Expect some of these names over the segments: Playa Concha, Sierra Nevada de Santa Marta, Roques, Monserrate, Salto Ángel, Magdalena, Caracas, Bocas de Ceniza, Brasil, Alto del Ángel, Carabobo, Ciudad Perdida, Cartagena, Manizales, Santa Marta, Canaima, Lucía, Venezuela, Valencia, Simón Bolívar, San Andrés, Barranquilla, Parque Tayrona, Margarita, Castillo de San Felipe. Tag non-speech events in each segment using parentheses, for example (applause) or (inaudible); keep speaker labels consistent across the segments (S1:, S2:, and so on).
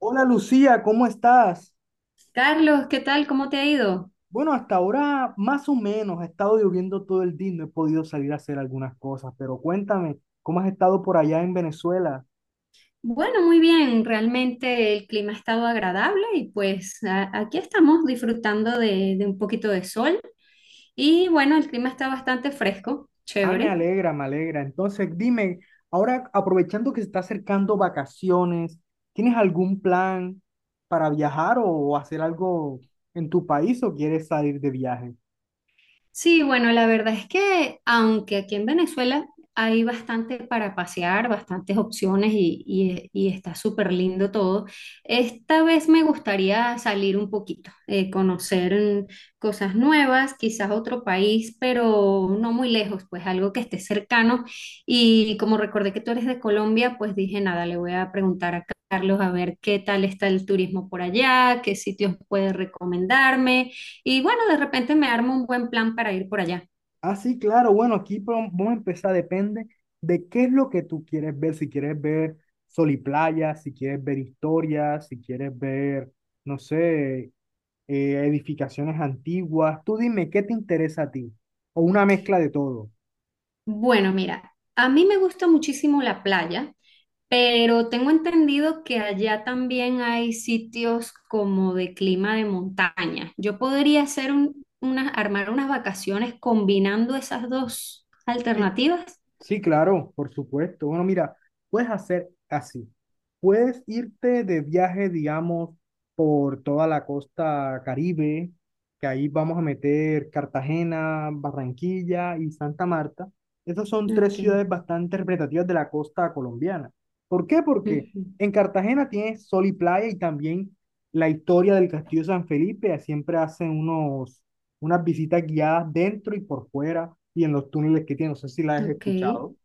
S1: Hola Lucía, ¿cómo estás?
S2: Carlos, ¿qué tal? ¿Cómo te ha ido?
S1: Bueno, hasta ahora más o menos ha estado lloviendo todo el día, y no he podido salir a hacer algunas cosas, pero cuéntame, ¿cómo has estado por allá en Venezuela?
S2: Bueno, muy bien. Realmente el clima ha estado agradable y pues aquí estamos disfrutando de un poquito de sol. Y bueno, el clima está bastante fresco,
S1: Ah, me
S2: chévere.
S1: alegra, me alegra. Entonces, dime, ahora aprovechando que se está acercando vacaciones, ¿tienes algún plan para viajar o hacer algo en tu país o quieres salir de viaje?
S2: Sí, bueno, la verdad es que aunque aquí en Venezuela hay bastante para pasear, bastantes opciones y está súper lindo todo, esta vez me gustaría salir un poquito, conocer cosas nuevas, quizás otro país, pero no muy lejos, pues algo que esté cercano. Y como recordé que tú eres de Colombia, pues dije, nada, le voy a preguntar a Carlos a ver qué tal está el turismo por allá, qué sitios puede recomendarme. Y bueno, de repente me armo un buen plan para ir por allá.
S1: Ah, sí, claro. Bueno, aquí vamos a empezar. Depende de qué es lo que tú quieres ver. Si quieres ver sol y playa, si quieres ver historias, si quieres ver, no sé, edificaciones antiguas. Tú dime, ¿qué te interesa a ti? O una mezcla de todo.
S2: Bueno, mira, a mí me gusta muchísimo la playa, pero tengo entendido que allá también hay sitios como de clima de montaña. Yo podría hacer armar unas vacaciones combinando esas dos
S1: Sí,
S2: alternativas.
S1: sí, claro, por supuesto. Bueno, mira, puedes hacer así. Puedes irte de viaje, digamos, por toda la costa Caribe, que ahí vamos a meter Cartagena, Barranquilla y Santa Marta. Esas son tres
S2: Ok,
S1: ciudades bastante representativas de la costa colombiana. ¿Por qué? Porque
S2: ujú.
S1: en Cartagena tienes sol y playa y también la historia del Castillo de San Felipe. Siempre hacen unos unas visitas guiadas dentro y por fuera y en los túneles que tiene. No sé si la has
S2: Ok,
S1: escuchado.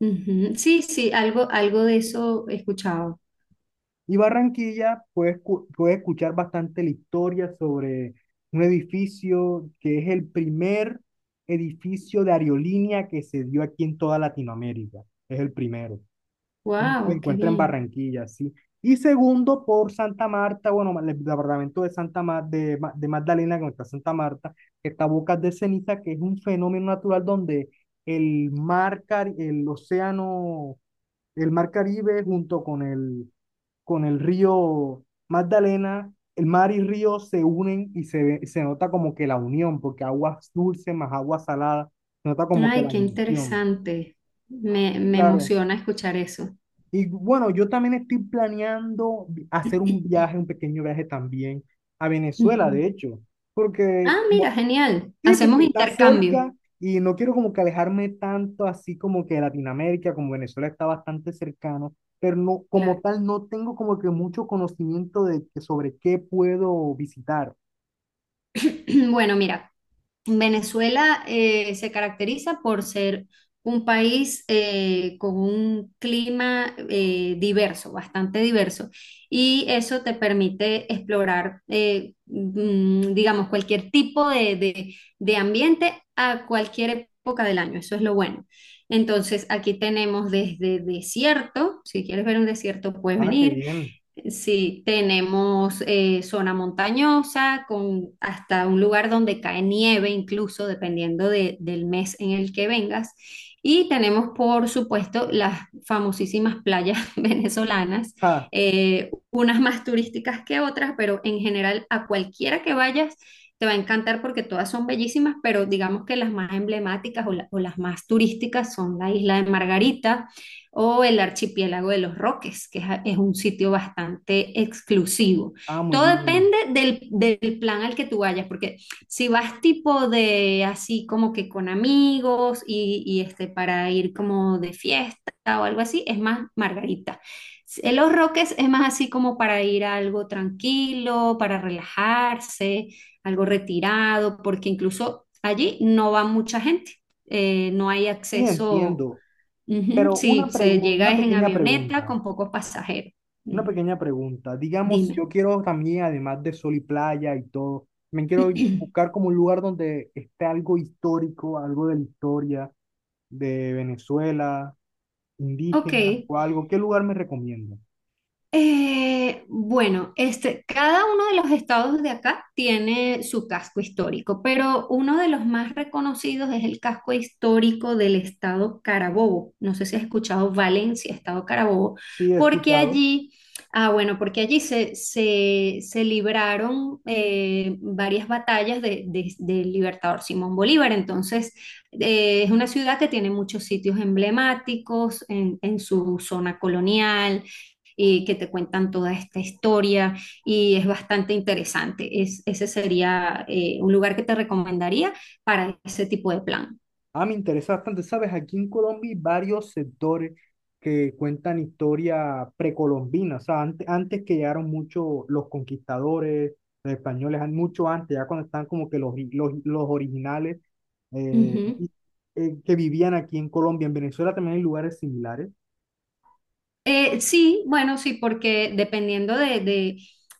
S2: ujú. Sí, sí, algo, algo de eso he escuchado.
S1: Y Barranquilla, puedes, puedes escuchar bastante la historia sobre un edificio que es el primer edificio de aerolínea que se dio aquí en toda Latinoamérica. Es el primero. Se
S2: Wow, qué
S1: encuentra en
S2: bien.
S1: Barranquilla, sí. Y segundo, por Santa Marta, bueno, el departamento de Santa Ma- de Magdalena, que no está Santa Marta, que está Bocas de Ceniza, que es un fenómeno natural donde el océano, el mar Caribe junto con con el río Magdalena, el mar y río se unen y se nota como que la unión, porque aguas dulces más agua salada, se nota como que
S2: Ay,
S1: la
S2: qué
S1: unión.
S2: interesante. Me,
S1: Y
S2: me
S1: claro.
S2: emociona escuchar eso.
S1: Y bueno, yo también estoy planeando hacer un viaje, un pequeño viaje también a Venezuela,
S2: Ujú.
S1: de hecho, porque
S2: Ah,
S1: como-
S2: mira, genial.
S1: sí,
S2: Hacemos
S1: porque está
S2: intercambio.
S1: cerca y no quiero como que alejarme tanto así como que de Latinoamérica, como Venezuela está bastante cercano, pero no, como
S2: Claro.
S1: tal no tengo como que mucho conocimiento de que sobre qué puedo visitar.
S2: (clears throat) Bueno, mira, Venezuela se caracteriza por ser un país con un clima diverso, bastante diverso, y eso te permite explorar, digamos, cualquier tipo de ambiente a cualquier época del año. Eso es lo bueno. Entonces, aquí tenemos desde desierto, si quieres ver un desierto, puedes
S1: Ah, qué
S2: venir.
S1: bien.
S2: Sí, tenemos zona montañosa con hasta un lugar donde cae nieve, incluso dependiendo del mes en el que vengas. Y tenemos, por supuesto, las famosísimas playas (laughs) venezolanas,
S1: Ah,
S2: unas más turísticas que otras, pero en general a cualquiera que vayas te va a encantar porque todas son bellísimas, pero digamos que las más emblemáticas o las más turísticas son la isla de Margarita o el archipiélago de los Roques, es un sitio bastante exclusivo.
S1: ah, muy
S2: Todo
S1: bien.
S2: depende del plan al que tú vayas, porque si vas tipo de así como que con amigos y este, para ir como de fiesta o algo así, es más Margarita. En los Roques es más así como para ir a algo tranquilo, para relajarse, algo retirado, porque incluso allí no va mucha gente, no hay
S1: Sí,
S2: acceso.
S1: entiendo.
S2: Ujú,
S1: Pero una
S2: sí, se
S1: pregunta,
S2: llega
S1: una
S2: es en
S1: pequeña
S2: avioneta
S1: pregunta.
S2: con pocos pasajeros.
S1: Una
S2: Ujú.
S1: pequeña pregunta. Digamos, si
S2: Dime.
S1: yo quiero también, además de sol y playa y todo, me quiero buscar
S2: (clears throat)
S1: como un lugar donde esté algo histórico, algo de la historia de Venezuela,
S2: Ok.
S1: indígena o algo. ¿Qué lugar me recomienda?
S2: Bueno, este, cada uno de los estados de acá tiene su casco histórico, pero uno de los más reconocidos es el casco histórico del estado Carabobo. No sé si has escuchado Valencia, estado Carabobo,
S1: Sí, he
S2: porque
S1: escuchado.
S2: allí, ah, bueno, porque allí se libraron varias batallas del libertador Simón Bolívar. Entonces, es una ciudad que tiene muchos sitios emblemáticos en su zona colonial que te cuentan toda esta historia y es bastante interesante. Es, ese sería un lugar que te recomendaría para ese tipo de plan.
S1: Ah, me interesa bastante, ¿sabes? Aquí en Colombia hay varios sectores que cuentan historia precolombina, o sea, antes, antes que llegaron muchos los conquistadores, los españoles, mucho antes, ya cuando están como que los originales eh,
S2: Ujú.
S1: y- que vivían aquí en Colombia, en Venezuela también hay lugares similares.
S2: Sí, bueno, sí, porque dependiendo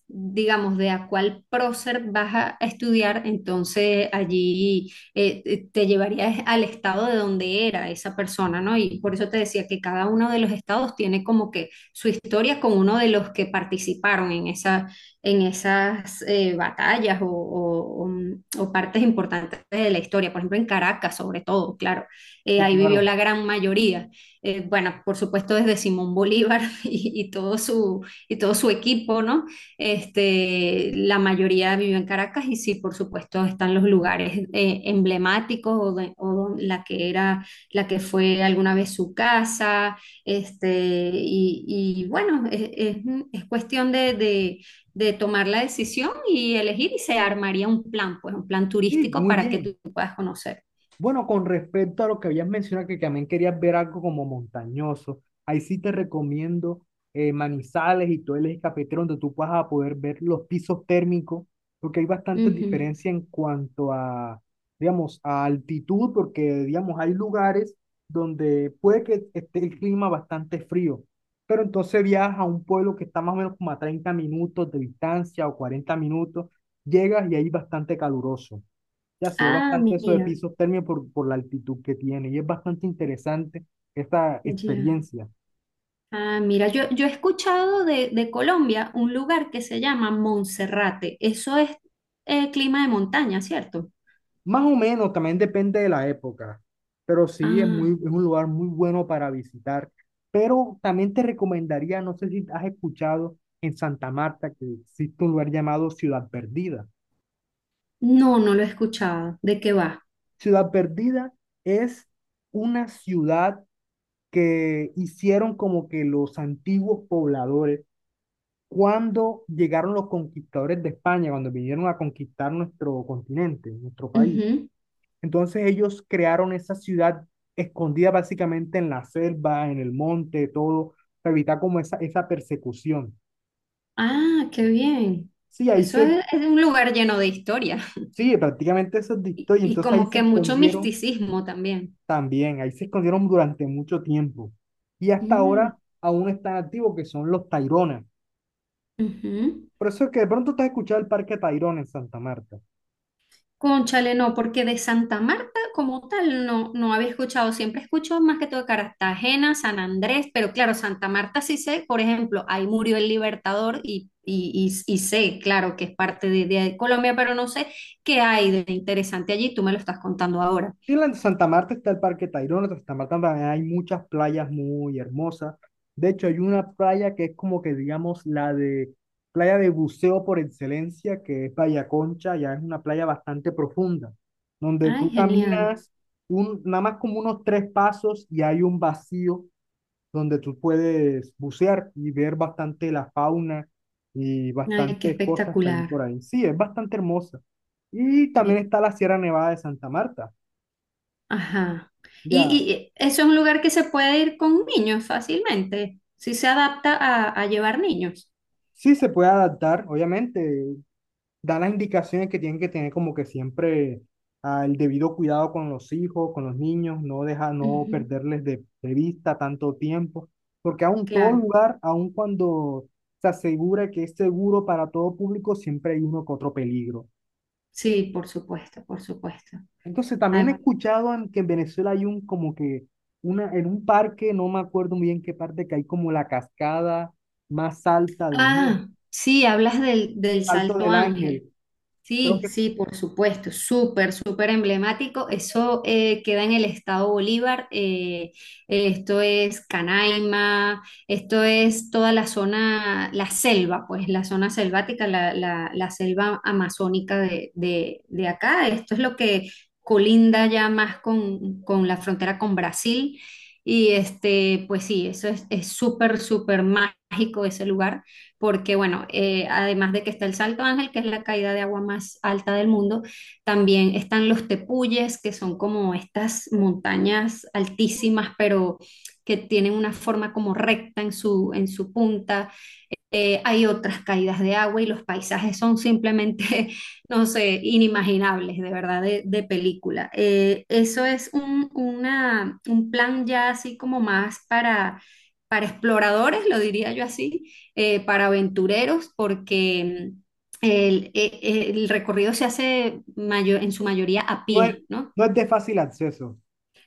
S2: digamos, de a cuál prócer vas a estudiar, entonces allí te llevarías al estado de donde era esa persona, ¿no? Y por eso te decía que cada uno de los estados tiene como que su historia con uno de los que participaron en esa, en esas batallas o partes importantes de la historia. Por ejemplo, en Caracas, sobre todo, claro,
S1: Sí,
S2: ahí vivió
S1: claro.
S2: la gran mayoría. Bueno, por supuesto desde Simón Bolívar (laughs) y todo su equipo, ¿no? Este, la mayoría vive en Caracas y sí, por supuesto, están los lugares emblemáticos o la que era, la que fue alguna vez su casa, este, y bueno, es cuestión de tomar la decisión y elegir y se armaría un plan, pues un plan
S1: Sí,
S2: turístico
S1: muy
S2: para que
S1: bien.
S2: tú puedas conocer.
S1: Bueno, con respecto a lo que habías mencionado, que también querías ver algo como montañoso, ahí sí te recomiendo Manizales y todo el eje cafetero, donde tú vas a poder ver los pisos térmicos, porque hay bastante
S2: Ujú.
S1: diferencia en cuanto a, digamos, a altitud, porque, digamos, hay lugares donde puede que esté el clima bastante frío, pero entonces viajas a un pueblo que está más o menos como a 30 minutos de distancia o 40 minutos, llegas y ahí bastante caluroso. Ya se ve
S2: Ah,
S1: bastante eso de
S2: mira,
S1: pisos térmicos por la altitud que tiene y es bastante interesante esta
S2: ya.
S1: experiencia.
S2: Ah, mira, yo he escuchado de Colombia un lugar que se llama Monserrate. Eso es clima de montaña, ¿cierto?
S1: Más o menos, también depende de la época, pero sí es muy,
S2: Ah,
S1: es un lugar muy bueno para visitar. Pero también te recomendaría, no sé si has escuchado en Santa Marta que existe un lugar llamado Ciudad Perdida.
S2: no, no lo he escuchado. ¿De qué va?
S1: Ciudad Perdida es una ciudad que hicieron como que los antiguos pobladores cuando llegaron los conquistadores de España, cuando vinieron a conquistar nuestro continente, nuestro país.
S2: Ujú.
S1: Entonces ellos crearon esa ciudad escondida básicamente en la selva, en el monte, todo, para evitar como esa persecución.
S2: Ah, qué bien.
S1: Sí, ahí
S2: Eso
S1: se,
S2: es un lugar lleno de historia
S1: sí, prácticamente eso es de
S2: (laughs)
S1: historia.
S2: y
S1: Entonces ahí
S2: como
S1: se
S2: que mucho
S1: escondieron
S2: misticismo también.
S1: también, ahí se escondieron durante mucho tiempo. Y hasta
S2: Mm,
S1: ahora aún están activos, que son los Taironas.
S2: ujú.
S1: Por eso es que de pronto te has escuchado el Parque Tayrona en Santa Marta.
S2: Cónchale, no, porque de Santa Marta como tal no, no había escuchado. Siempre escucho más que todo de Cartagena, San Andrés, pero claro, Santa Marta sí sé, por ejemplo, ahí murió el Libertador y sé, claro, que es parte de Colombia, pero no sé qué hay de interesante allí. Tú me lo estás contando ahora.
S1: Sí, en la Santa Marta está el Parque Tayrona, en Santa Marta también hay muchas playas muy hermosas. De hecho, hay una playa que es como que, digamos, la de playa de buceo por excelencia, que es Playa Concha, ya es una playa bastante profunda, donde
S2: Ay,
S1: tú
S2: genial.
S1: caminas un, nada más como unos tres pasos y hay un vacío donde tú puedes bucear y ver bastante la fauna y
S2: Ay, qué
S1: bastantes cosas que hay
S2: espectacular.
S1: por ahí. Sí, es bastante hermosa. Y también
S2: Qué-
S1: está la Sierra Nevada de Santa Marta.
S2: Ajá.
S1: Ya,
S2: Y eso es un lugar que se puede ir con niños fácilmente, si se adapta a llevar niños.
S1: sí, se puede adaptar, obviamente. Da las indicaciones que tienen que tener como que siempre el debido cuidado con los hijos, con los niños, no deja, no
S2: Ujú,
S1: perderles de vista tanto tiempo, porque aún todo
S2: claro.
S1: lugar, aun cuando se asegura que es seguro para todo público, siempre hay uno que otro peligro.
S2: Sí, por supuesto, por supuesto.
S1: Entonces también
S2: Ay,
S1: he escuchado en, que en Venezuela hay un como que una, en un parque, no me acuerdo muy bien qué parte, que hay como la cascada más alta del mundo,
S2: ah, sí, hablas del, del
S1: Alto
S2: Salto
S1: del
S2: Ángel.
S1: Ángel. Creo
S2: Sí,
S1: que
S2: sí, por supuesto, súper, súper emblemático. Eso queda en el estado Bolívar. Esto es Canaima, esto es toda la zona, la selva, pues la zona selvática, la selva amazónica de acá. Esto es lo que colinda ya más con la frontera con Brasil. Y este, pues sí, eso es súper, súper mágico ese lugar porque bueno, además de que está el Salto Ángel, que es la caída de agua más alta del mundo, también están los tepuyes, que son como estas montañas altísimas, pero que tienen una forma como recta en su punta. Hay otras caídas de agua y los paisajes son simplemente, (laughs) no sé, inimaginables, de verdad, de película. Eso es un plan ya así como más para exploradores, lo diría yo así, para aventureros, porque el recorrido se hace en su mayoría a
S1: no es,
S2: pie, ¿no?
S1: no es de fácil acceso.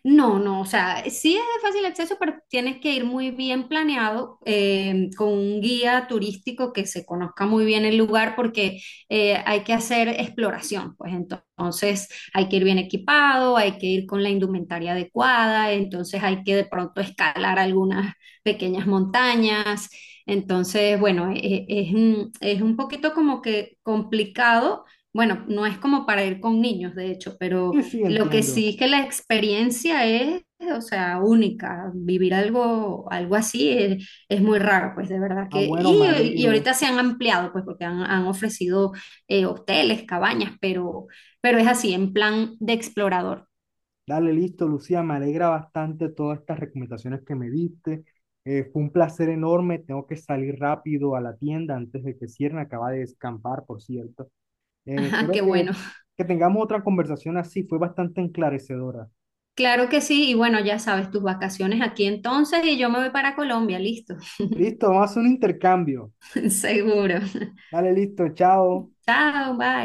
S2: No, no, o sea, sí es de fácil acceso, pero tienes que ir muy bien planeado con un guía turístico que se conozca muy bien el lugar porque hay que hacer exploración, pues entonces hay que ir bien equipado, hay que ir con la indumentaria adecuada, entonces hay que de pronto escalar algunas pequeñas montañas, entonces bueno, es un poquito como que complicado, bueno, no es como para ir con niños, de hecho, pero...
S1: Sí, sí,
S2: Lo que
S1: entiendo.
S2: sí es que la experiencia es, o sea, única. Vivir algo, algo así es muy raro, pues de verdad
S1: Ah,
S2: que...
S1: bueno, me
S2: Y, y
S1: alegro.
S2: ahorita se han ampliado, pues porque han, han ofrecido hoteles, cabañas, pero es así, en plan de explorador.
S1: Dale, listo, Lucía, me alegra bastante todas estas recomendaciones que me diste. Fue un placer enorme. Tengo que salir rápido a la tienda antes de que cierren. Acaba de descampar, por cierto.
S2: (laughs)
S1: Eh,
S2: Ajá,
S1: espero
S2: qué
S1: que,
S2: bueno.
S1: que tengamos otra conversación así. Fue bastante enclarecedora.
S2: Claro que sí, y bueno, ya sabes, tus vacaciones aquí entonces y yo me voy para Colombia, listo.
S1: Listo, vamos a hacer un intercambio.
S2: (laughs) Seguro.
S1: Dale, listo, chao.
S2: Chao, bye.